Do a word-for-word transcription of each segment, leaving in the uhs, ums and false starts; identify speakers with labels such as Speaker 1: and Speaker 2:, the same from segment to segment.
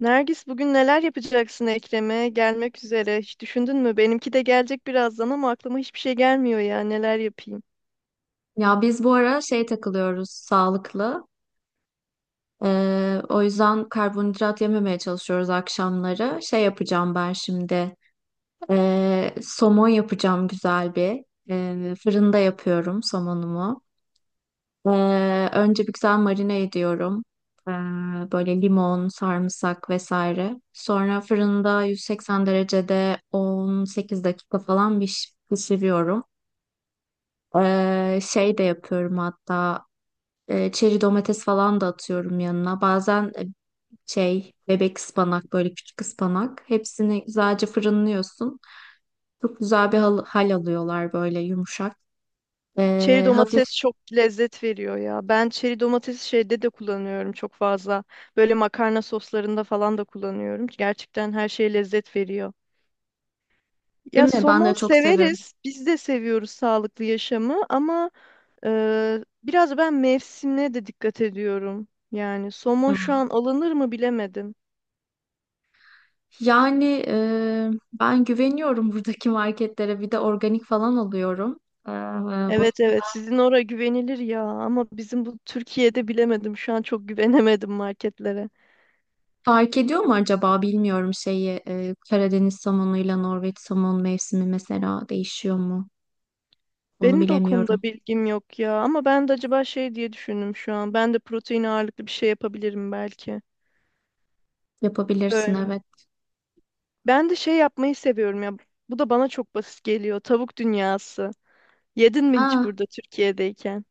Speaker 1: Nergis bugün neler yapacaksın Ekrem'e? Gelmek üzere. Hiç düşündün mü? Benimki de gelecek birazdan ama aklıma hiçbir şey gelmiyor ya. Neler yapayım?
Speaker 2: Ya biz bu ara şey takılıyoruz sağlıklı. Ee, o yüzden karbonhidrat yememeye çalışıyoruz akşamları. Şey yapacağım ben şimdi. Ee, somon yapacağım güzel bir. Ee, fırında yapıyorum somonumu. Ee, önce bir güzel marine ediyorum. Ee, Böyle limon, sarımsak vesaire. Sonra fırında yüz seksen derecede on sekiz dakika falan piş- pişiriyorum. Ee, şey de yapıyorum hatta. E, çeri domates falan da atıyorum yanına. Bazen e, şey bebek ıspanak, böyle küçük ıspanak. Hepsini güzelce fırınlıyorsun. Çok güzel bir hal, hal alıyorlar, böyle yumuşak.
Speaker 1: Çeri
Speaker 2: E, hafif,
Speaker 1: domates çok lezzet veriyor ya. Ben çeri domatesi şeyde de kullanıyorum çok fazla. Böyle makarna soslarında falan da kullanıyorum. Gerçekten her şey lezzet veriyor. Ya
Speaker 2: değil mi? Ben
Speaker 1: somon
Speaker 2: de çok seviyorum.
Speaker 1: severiz. Biz de seviyoruz sağlıklı yaşamı ama e, biraz ben mevsimine de dikkat ediyorum. Yani somon şu
Speaker 2: Hmm.
Speaker 1: an alınır mı bilemedim.
Speaker 2: Yani e, ben güveniyorum buradaki marketlere. Bir de organik falan alıyorum. E, O
Speaker 1: Evet, evet, sizin oraya güvenilir ya ama bizim bu Türkiye'de bilemedim, şu an çok güvenemedim marketlere.
Speaker 2: fark ediyor mu acaba, bilmiyorum şeyi. E, Karadeniz somonuyla Norveç somon mevsimi mesela değişiyor mu? Onu
Speaker 1: Benim de o konuda
Speaker 2: bilemiyorum.
Speaker 1: bilgim yok ya ama ben de acaba şey diye düşündüm, şu an ben de protein ağırlıklı bir şey yapabilirim belki.
Speaker 2: Yapabilirsin,
Speaker 1: Öyle.
Speaker 2: evet.
Speaker 1: Ben de şey yapmayı seviyorum ya, bu da bana çok basit geliyor, tavuk dünyası. Yedin mi hiç
Speaker 2: Aa,
Speaker 1: burada Türkiye'deyken?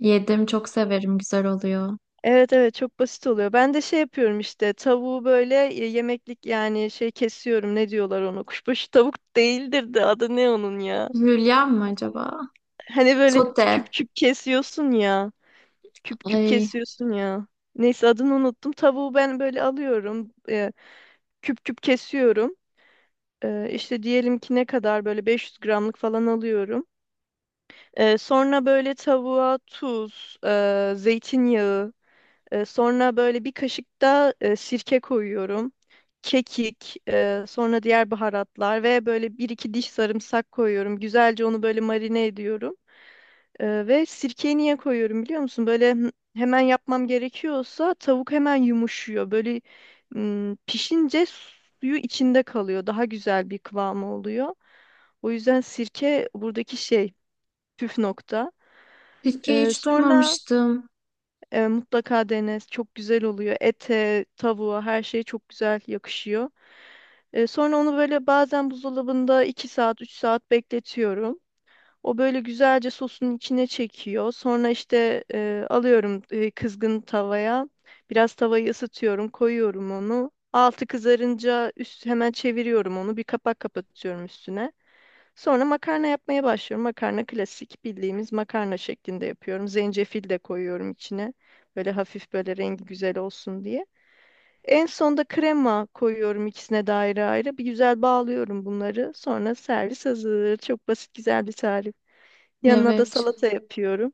Speaker 2: yedim, çok severim, güzel oluyor.
Speaker 1: Evet, evet, çok basit oluyor. Ben de şey yapıyorum işte, tavuğu böyle e, yemeklik yani şey kesiyorum, ne diyorlar ona, kuşbaşı tavuk değildir de adı ne onun ya?
Speaker 2: Hülya mı acaba?
Speaker 1: Hani böyle küp
Speaker 2: Sote.
Speaker 1: küp kesiyorsun ya. Küp küp
Speaker 2: Ay,
Speaker 1: kesiyorsun ya. Neyse, adını unuttum. Tavuğu ben böyle alıyorum. E, küp küp kesiyorum. E, işte diyelim ki, ne kadar böyle beş yüz gramlık falan alıyorum. E, sonra böyle tavuğa tuz, e, zeytinyağı, e, sonra böyle bir kaşık da e, sirke koyuyorum. Kekik, e, sonra diğer baharatlar ve böyle bir iki diş sarımsak koyuyorum. Güzelce onu böyle marine ediyorum. Ee, ve sirkeyi niye koyuyorum biliyor musun? Böyle hı- hemen yapmam gerekiyorsa tavuk hemen yumuşuyor. Böyle ım, pişince suyu içinde kalıyor. Daha güzel bir kıvamı oluyor. O yüzden sirke buradaki şey, püf nokta.
Speaker 2: Türkiye
Speaker 1: Ee,
Speaker 2: hiç
Speaker 1: sonra
Speaker 2: duymamıştım.
Speaker 1: e, mutlaka dene. Çok güzel oluyor. Ete, tavuğa her şey çok güzel yakışıyor. Ee, sonra onu böyle bazen buzdolabında iki saat, üç saat bekletiyorum. O böyle güzelce sosun içine çekiyor. Sonra işte e, alıyorum e, kızgın tavaya. Biraz tavayı ısıtıyorum, koyuyorum onu. Altı kızarınca üst hemen çeviriyorum onu. Bir kapak kapatıyorum üstüne. Sonra makarna yapmaya başlıyorum. Makarna klasik, bildiğimiz makarna şeklinde yapıyorum. Zencefil de koyuyorum içine. Böyle hafif, böyle rengi güzel olsun diye. En sonda krema koyuyorum ikisine de ayrı ayrı. Bir güzel bağlıyorum bunları. Sonra servis hazır. Çok basit, güzel bir tarif. Yanına da
Speaker 2: Evet,
Speaker 1: salata yapıyorum.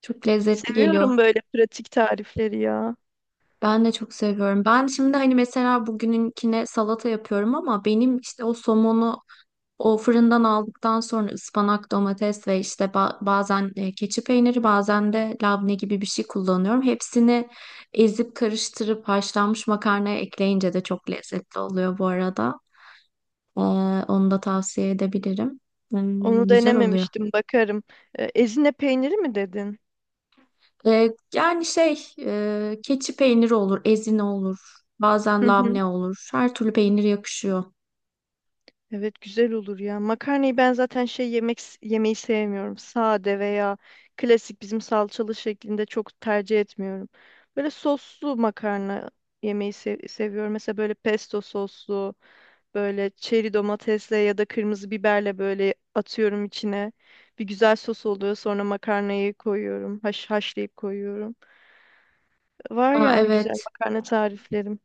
Speaker 2: çok lezzetli geliyor.
Speaker 1: Seviyorum böyle pratik tarifleri ya.
Speaker 2: Ben de çok seviyorum. Ben şimdi hani mesela bugününkine salata yapıyorum ama benim işte o somonu, o fırından aldıktan sonra ıspanak, domates ve işte ba- bazen e, keçi peyniri, bazen de labne gibi bir şey kullanıyorum. Hepsini ezip karıştırıp haşlanmış makarnaya ekleyince de çok lezzetli oluyor bu arada. Ee, Onu da tavsiye edebilirim.
Speaker 1: Onu
Speaker 2: Hmm, güzel oluyor.
Speaker 1: denememiştim, bakarım. E, Ezine peyniri mi dedin?
Speaker 2: Ee, Yani şey, e, keçi peyniri olur, ezine olur, bazen
Speaker 1: Hı hı.
Speaker 2: labne olur. Her türlü peynir yakışıyor.
Speaker 1: Evet, güzel olur ya. Makarnayı ben zaten şey, yemek yemeyi sevmiyorum. Sade veya klasik, bizim salçalı şeklinde çok tercih etmiyorum. Böyle soslu makarna yemeyi se- seviyorum. Mesela böyle pesto soslu. Böyle çeri domatesle ya da kırmızı biberle böyle atıyorum içine. Bir güzel sos oluyor. Sonra makarnayı koyuyorum. Haş, haşlayıp koyuyorum. Var
Speaker 2: Aa,
Speaker 1: yani güzel
Speaker 2: evet,
Speaker 1: makarna tariflerim.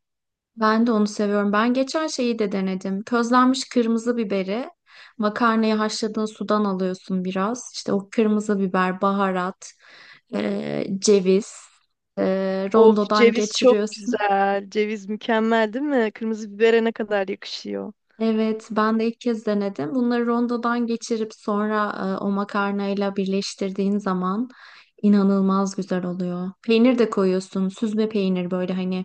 Speaker 2: ben de onu seviyorum. Ben geçen şeyi de denedim. Közlenmiş kırmızı biberi, makarnayı haşladığın sudan alıyorsun biraz. İşte o kırmızı biber, baharat, e, ceviz, e,
Speaker 1: Of,
Speaker 2: rondodan
Speaker 1: ceviz çok
Speaker 2: geçiriyorsun.
Speaker 1: güzel. Ceviz mükemmel, değil mi? Kırmızı bibere ne kadar yakışıyor.
Speaker 2: Evet, ben de ilk kez denedim. Bunları rondodan geçirip sonra e, o makarnayla birleştirdiğin zaman inanılmaz güzel oluyor. Peynir de koyuyorsun, süzme peynir böyle hani,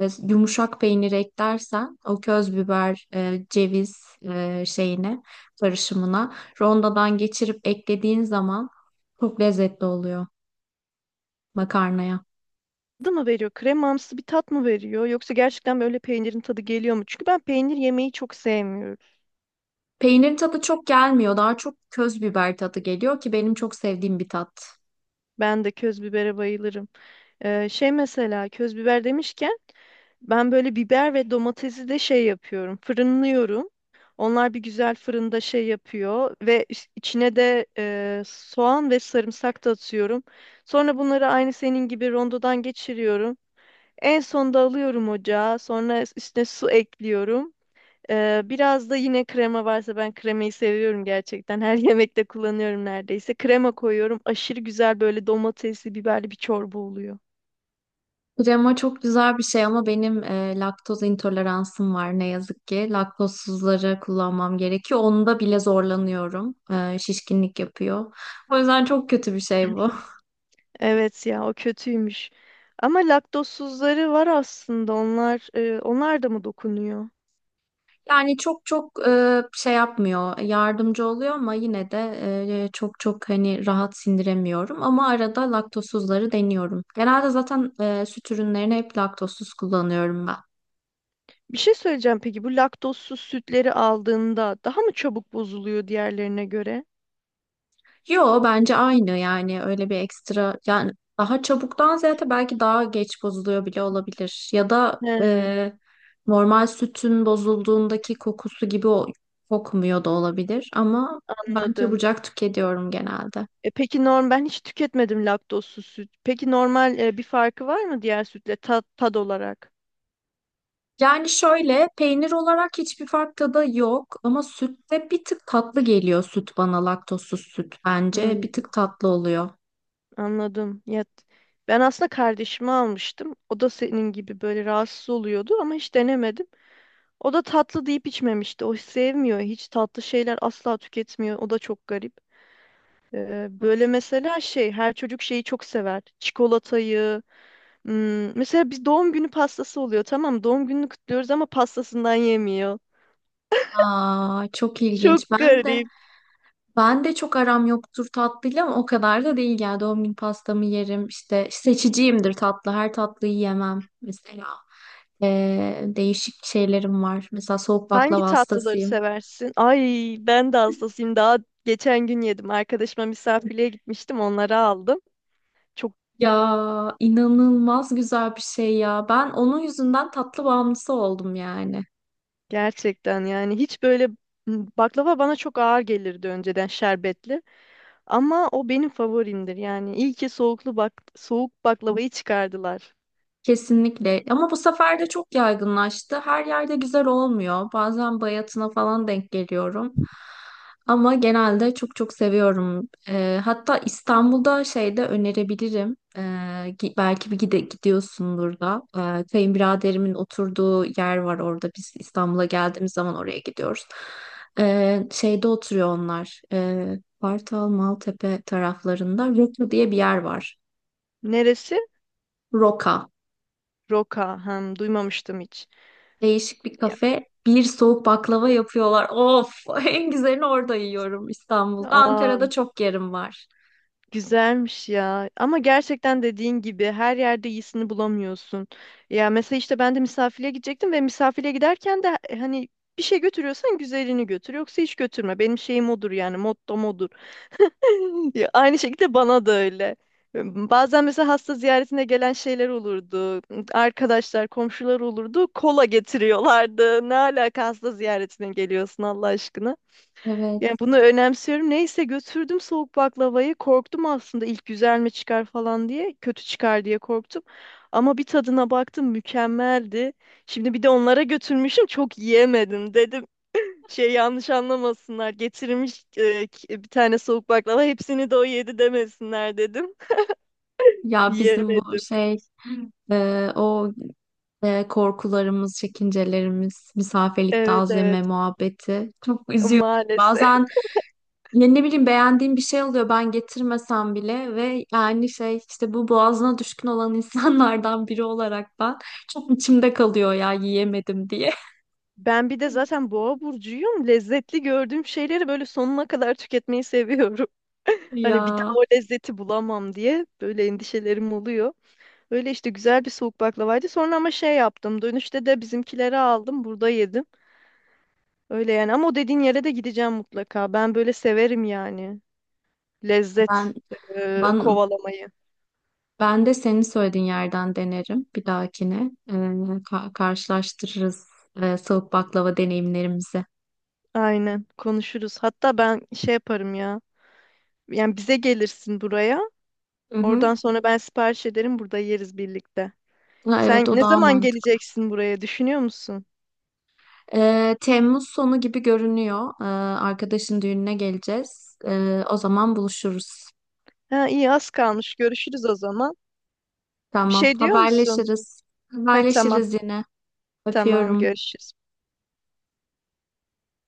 Speaker 2: e, yumuşak peynir eklersen o köz biber, e, ceviz e, şeyine, karışımına rondodan geçirip eklediğin zaman çok lezzetli oluyor makarnaya.
Speaker 1: Tadı mı veriyor? Kremamsı bir tat mı veriyor? Yoksa gerçekten böyle peynirin tadı geliyor mu? Çünkü ben peynir yemeyi çok sevmiyorum.
Speaker 2: Peynir tadı çok gelmiyor. Daha çok köz biber tadı geliyor ki benim çok sevdiğim bir tat.
Speaker 1: Ben de köz bibere bayılırım. Ee, şey mesela, köz biber demişken, ben böyle biber ve domatesi de şey yapıyorum. Fırınlıyorum. Onlar bir güzel fırında şey yapıyor ve iç- içine de e, soğan ve sarımsak da atıyorum. Sonra bunları aynı senin gibi rondodan geçiriyorum. En sonda alıyorum ocağa. Sonra üstüne su ekliyorum. E, biraz da yine krema varsa, ben kremayı seviyorum gerçekten. Her yemekte kullanıyorum neredeyse. Krema koyuyorum. Aşırı güzel, böyle domatesli, biberli bir çorba oluyor.
Speaker 2: Krema çok güzel bir şey ama benim e, laktoz intoleransım var, ne yazık ki. Laktozsuzları kullanmam gerekiyor. Onda bile zorlanıyorum. E, şişkinlik yapıyor. O yüzden çok kötü bir şey bu.
Speaker 1: Evet ya, o kötüymüş. Ama laktozsuzları var aslında. Onlar e, onlar da mı dokunuyor?
Speaker 2: Yani çok çok e, şey yapmıyor, yardımcı oluyor ama yine de e, çok çok hani rahat sindiremiyorum. Ama arada laktozsuzları deniyorum. Genelde zaten e, süt ürünlerini hep laktozsuz kullanıyorum ben.
Speaker 1: Bir şey söyleyeceğim, peki bu laktozsuz sütleri aldığında daha mı çabuk bozuluyor diğerlerine göre?
Speaker 2: Yo, bence aynı, yani öyle bir ekstra, yani daha çabuktan ziyade belki daha geç bozuluyor bile olabilir. Ya da
Speaker 1: He,
Speaker 2: e, normal sütün bozulduğundaki kokusu gibi o kokmuyor da olabilir ama ben
Speaker 1: anladım.
Speaker 2: çabucak tüketiyorum genelde.
Speaker 1: E, peki norm ben hiç tüketmedim laktozsuz süt. Peki normal, e, bir farkı var mı diğer sütle, tat, tad olarak?
Speaker 2: Yani şöyle, peynir olarak hiçbir fark tadı yok ama sütte bir tık tatlı geliyor süt bana, laktozsuz süt bence
Speaker 1: Hmm,
Speaker 2: bir tık tatlı oluyor.
Speaker 1: anladım. Ya, ben aslında kardeşimi almıştım. O da senin gibi böyle rahatsız oluyordu ama hiç denemedim. O da tatlı deyip içmemişti. O sevmiyor. Hiç tatlı şeyler asla tüketmiyor. O da çok garip. Ee, böyle mesela şey, her çocuk şeyi çok sever. Çikolatayı. hmm, mesela biz, doğum günü pastası oluyor. Tamam, doğum gününü kutluyoruz ama pastasından yemiyor.
Speaker 2: Aa, çok
Speaker 1: Çok
Speaker 2: ilginç. Ben de
Speaker 1: garip.
Speaker 2: ben de çok aram yoktur tatlıyla ama o kadar da değil, yani doğum günü pastamı yerim, işte seçiciyimdir tatlı, her tatlıyı yemem mesela. Ee, değişik şeylerim var. Mesela soğuk
Speaker 1: Hangi
Speaker 2: baklava
Speaker 1: tatlıları
Speaker 2: hastasıyım.
Speaker 1: seversin? Ay, ben de hastasıyım. Daha geçen gün yedim. Arkadaşıma misafirliğe gitmiştim. Onları aldım. Çok
Speaker 2: Ya, inanılmaz güzel bir şey ya. Ben onun yüzünden tatlı bağımlısı oldum yani.
Speaker 1: gerçekten yani, hiç böyle, hmm, baklava bana çok ağır gelirdi önceden, şerbetli. Ama o benim favorimdir yani. İyi ki soğuklu bak soğuk baklavayı çıkardılar.
Speaker 2: Kesinlikle. Ama bu sefer de çok yaygınlaştı. Her yerde güzel olmuyor. Bazen bayatına falan denk geliyorum. Ama genelde çok çok seviyorum. Ee, hatta İstanbul'da şeyde önerebilirim. Ee, gi- belki bir gide gidiyorsundur da. Ee, kayınbiraderimin oturduğu yer var orada. Biz İstanbul'a geldiğimiz zaman oraya gidiyoruz. Ee, şeyde oturuyor onlar. Ee, Kartal, Maltepe taraflarında. Roka diye bir yer var.
Speaker 1: Neresi?
Speaker 2: Roka.
Speaker 1: Roka. Hem duymamıştım hiç.
Speaker 2: Değişik bir
Speaker 1: Ya,
Speaker 2: kafe. Bir soğuk baklava yapıyorlar. Of, en güzelini orada yiyorum İstanbul'da.
Speaker 1: aa,
Speaker 2: Ankara'da çok yerim var.
Speaker 1: güzelmiş ya. Ama gerçekten dediğin gibi her yerde iyisini bulamıyorsun. Ya mesela işte ben de misafire gidecektim ve misafire giderken de hani, bir şey götürüyorsan güzelini götür. Yoksa hiç götürme. Benim şeyim odur yani, mottom odur. Ya, aynı şekilde bana da öyle. Bazen mesela hasta ziyaretine gelen şeyler olurdu. Arkadaşlar, komşular olurdu. Kola getiriyorlardı. Ne alaka hasta ziyaretine geliyorsun Allah aşkına. Yani,
Speaker 2: Evet.
Speaker 1: bunu önemsiyorum. Neyse, götürdüm soğuk baklavayı. Korktum aslında ilk, güzel mi çıkar falan diye. Kötü çıkar diye korktum. Ama bir tadına baktım, mükemmeldi. Şimdi bir de onlara götürmüşüm, çok yiyemedim dedim. Şey, yanlış anlamasınlar. Getirmiş e, ki- bir tane soğuk baklava. Hepsini de o yedi demesinler dedim.
Speaker 2: Ya bizim bu
Speaker 1: Yiyemedim.
Speaker 2: şey, e, o e, korkularımız, çekincelerimiz, misafirlikte
Speaker 1: Evet,
Speaker 2: azleme
Speaker 1: evet.
Speaker 2: muhabbeti çok üzüyor.
Speaker 1: Maalesef.
Speaker 2: Bazen ne, ne bileyim, beğendiğim bir şey oluyor, ben getirmesem bile ve yani şey işte, bu boğazına düşkün olan insanlardan biri olarak ben çok içimde kalıyor ya, yiyemedim diye.
Speaker 1: Ben bir de zaten boğa burcuyum. Lezzetli gördüğüm şeyleri böyle sonuna kadar tüketmeyi seviyorum. Hani bir
Speaker 2: Ya.
Speaker 1: daha o lezzeti bulamam diye böyle endişelerim oluyor. Öyle işte, güzel bir soğuk baklavaydı. Sonra ama şey yaptım. Dönüşte de bizimkileri aldım. Burada yedim. Öyle yani. Ama o dediğin yere de gideceğim mutlaka. Ben böyle severim yani.
Speaker 2: Ben
Speaker 1: Lezzet e,
Speaker 2: ben
Speaker 1: kovalamayı.
Speaker 2: ben de senin söylediğin yerden denerim bir dahakine. Ee, ka- karşılaştırırız e, soğuk baklava deneyimlerimizi.
Speaker 1: Aynen, konuşuruz. Hatta ben şey yaparım ya. Yani bize gelirsin buraya.
Speaker 2: Hı hı.
Speaker 1: Oradan sonra ben sipariş ederim, burada yeriz birlikte.
Speaker 2: Ha, evet,
Speaker 1: Sen
Speaker 2: o
Speaker 1: ne
Speaker 2: daha
Speaker 1: zaman
Speaker 2: mantıklı.
Speaker 1: geleceksin buraya, düşünüyor musun?
Speaker 2: Ee, Temmuz sonu gibi görünüyor. Ee, arkadaşın düğününe geleceğiz. Ee, o zaman buluşuruz.
Speaker 1: Ha, iyi, az kalmış. Görüşürüz o zaman. Bir
Speaker 2: Tamam,
Speaker 1: şey diyor musun?
Speaker 2: haberleşiriz.
Speaker 1: Ha, tamam.
Speaker 2: Haberleşiriz yine.
Speaker 1: Tamam,
Speaker 2: Öpüyorum.
Speaker 1: görüşürüz.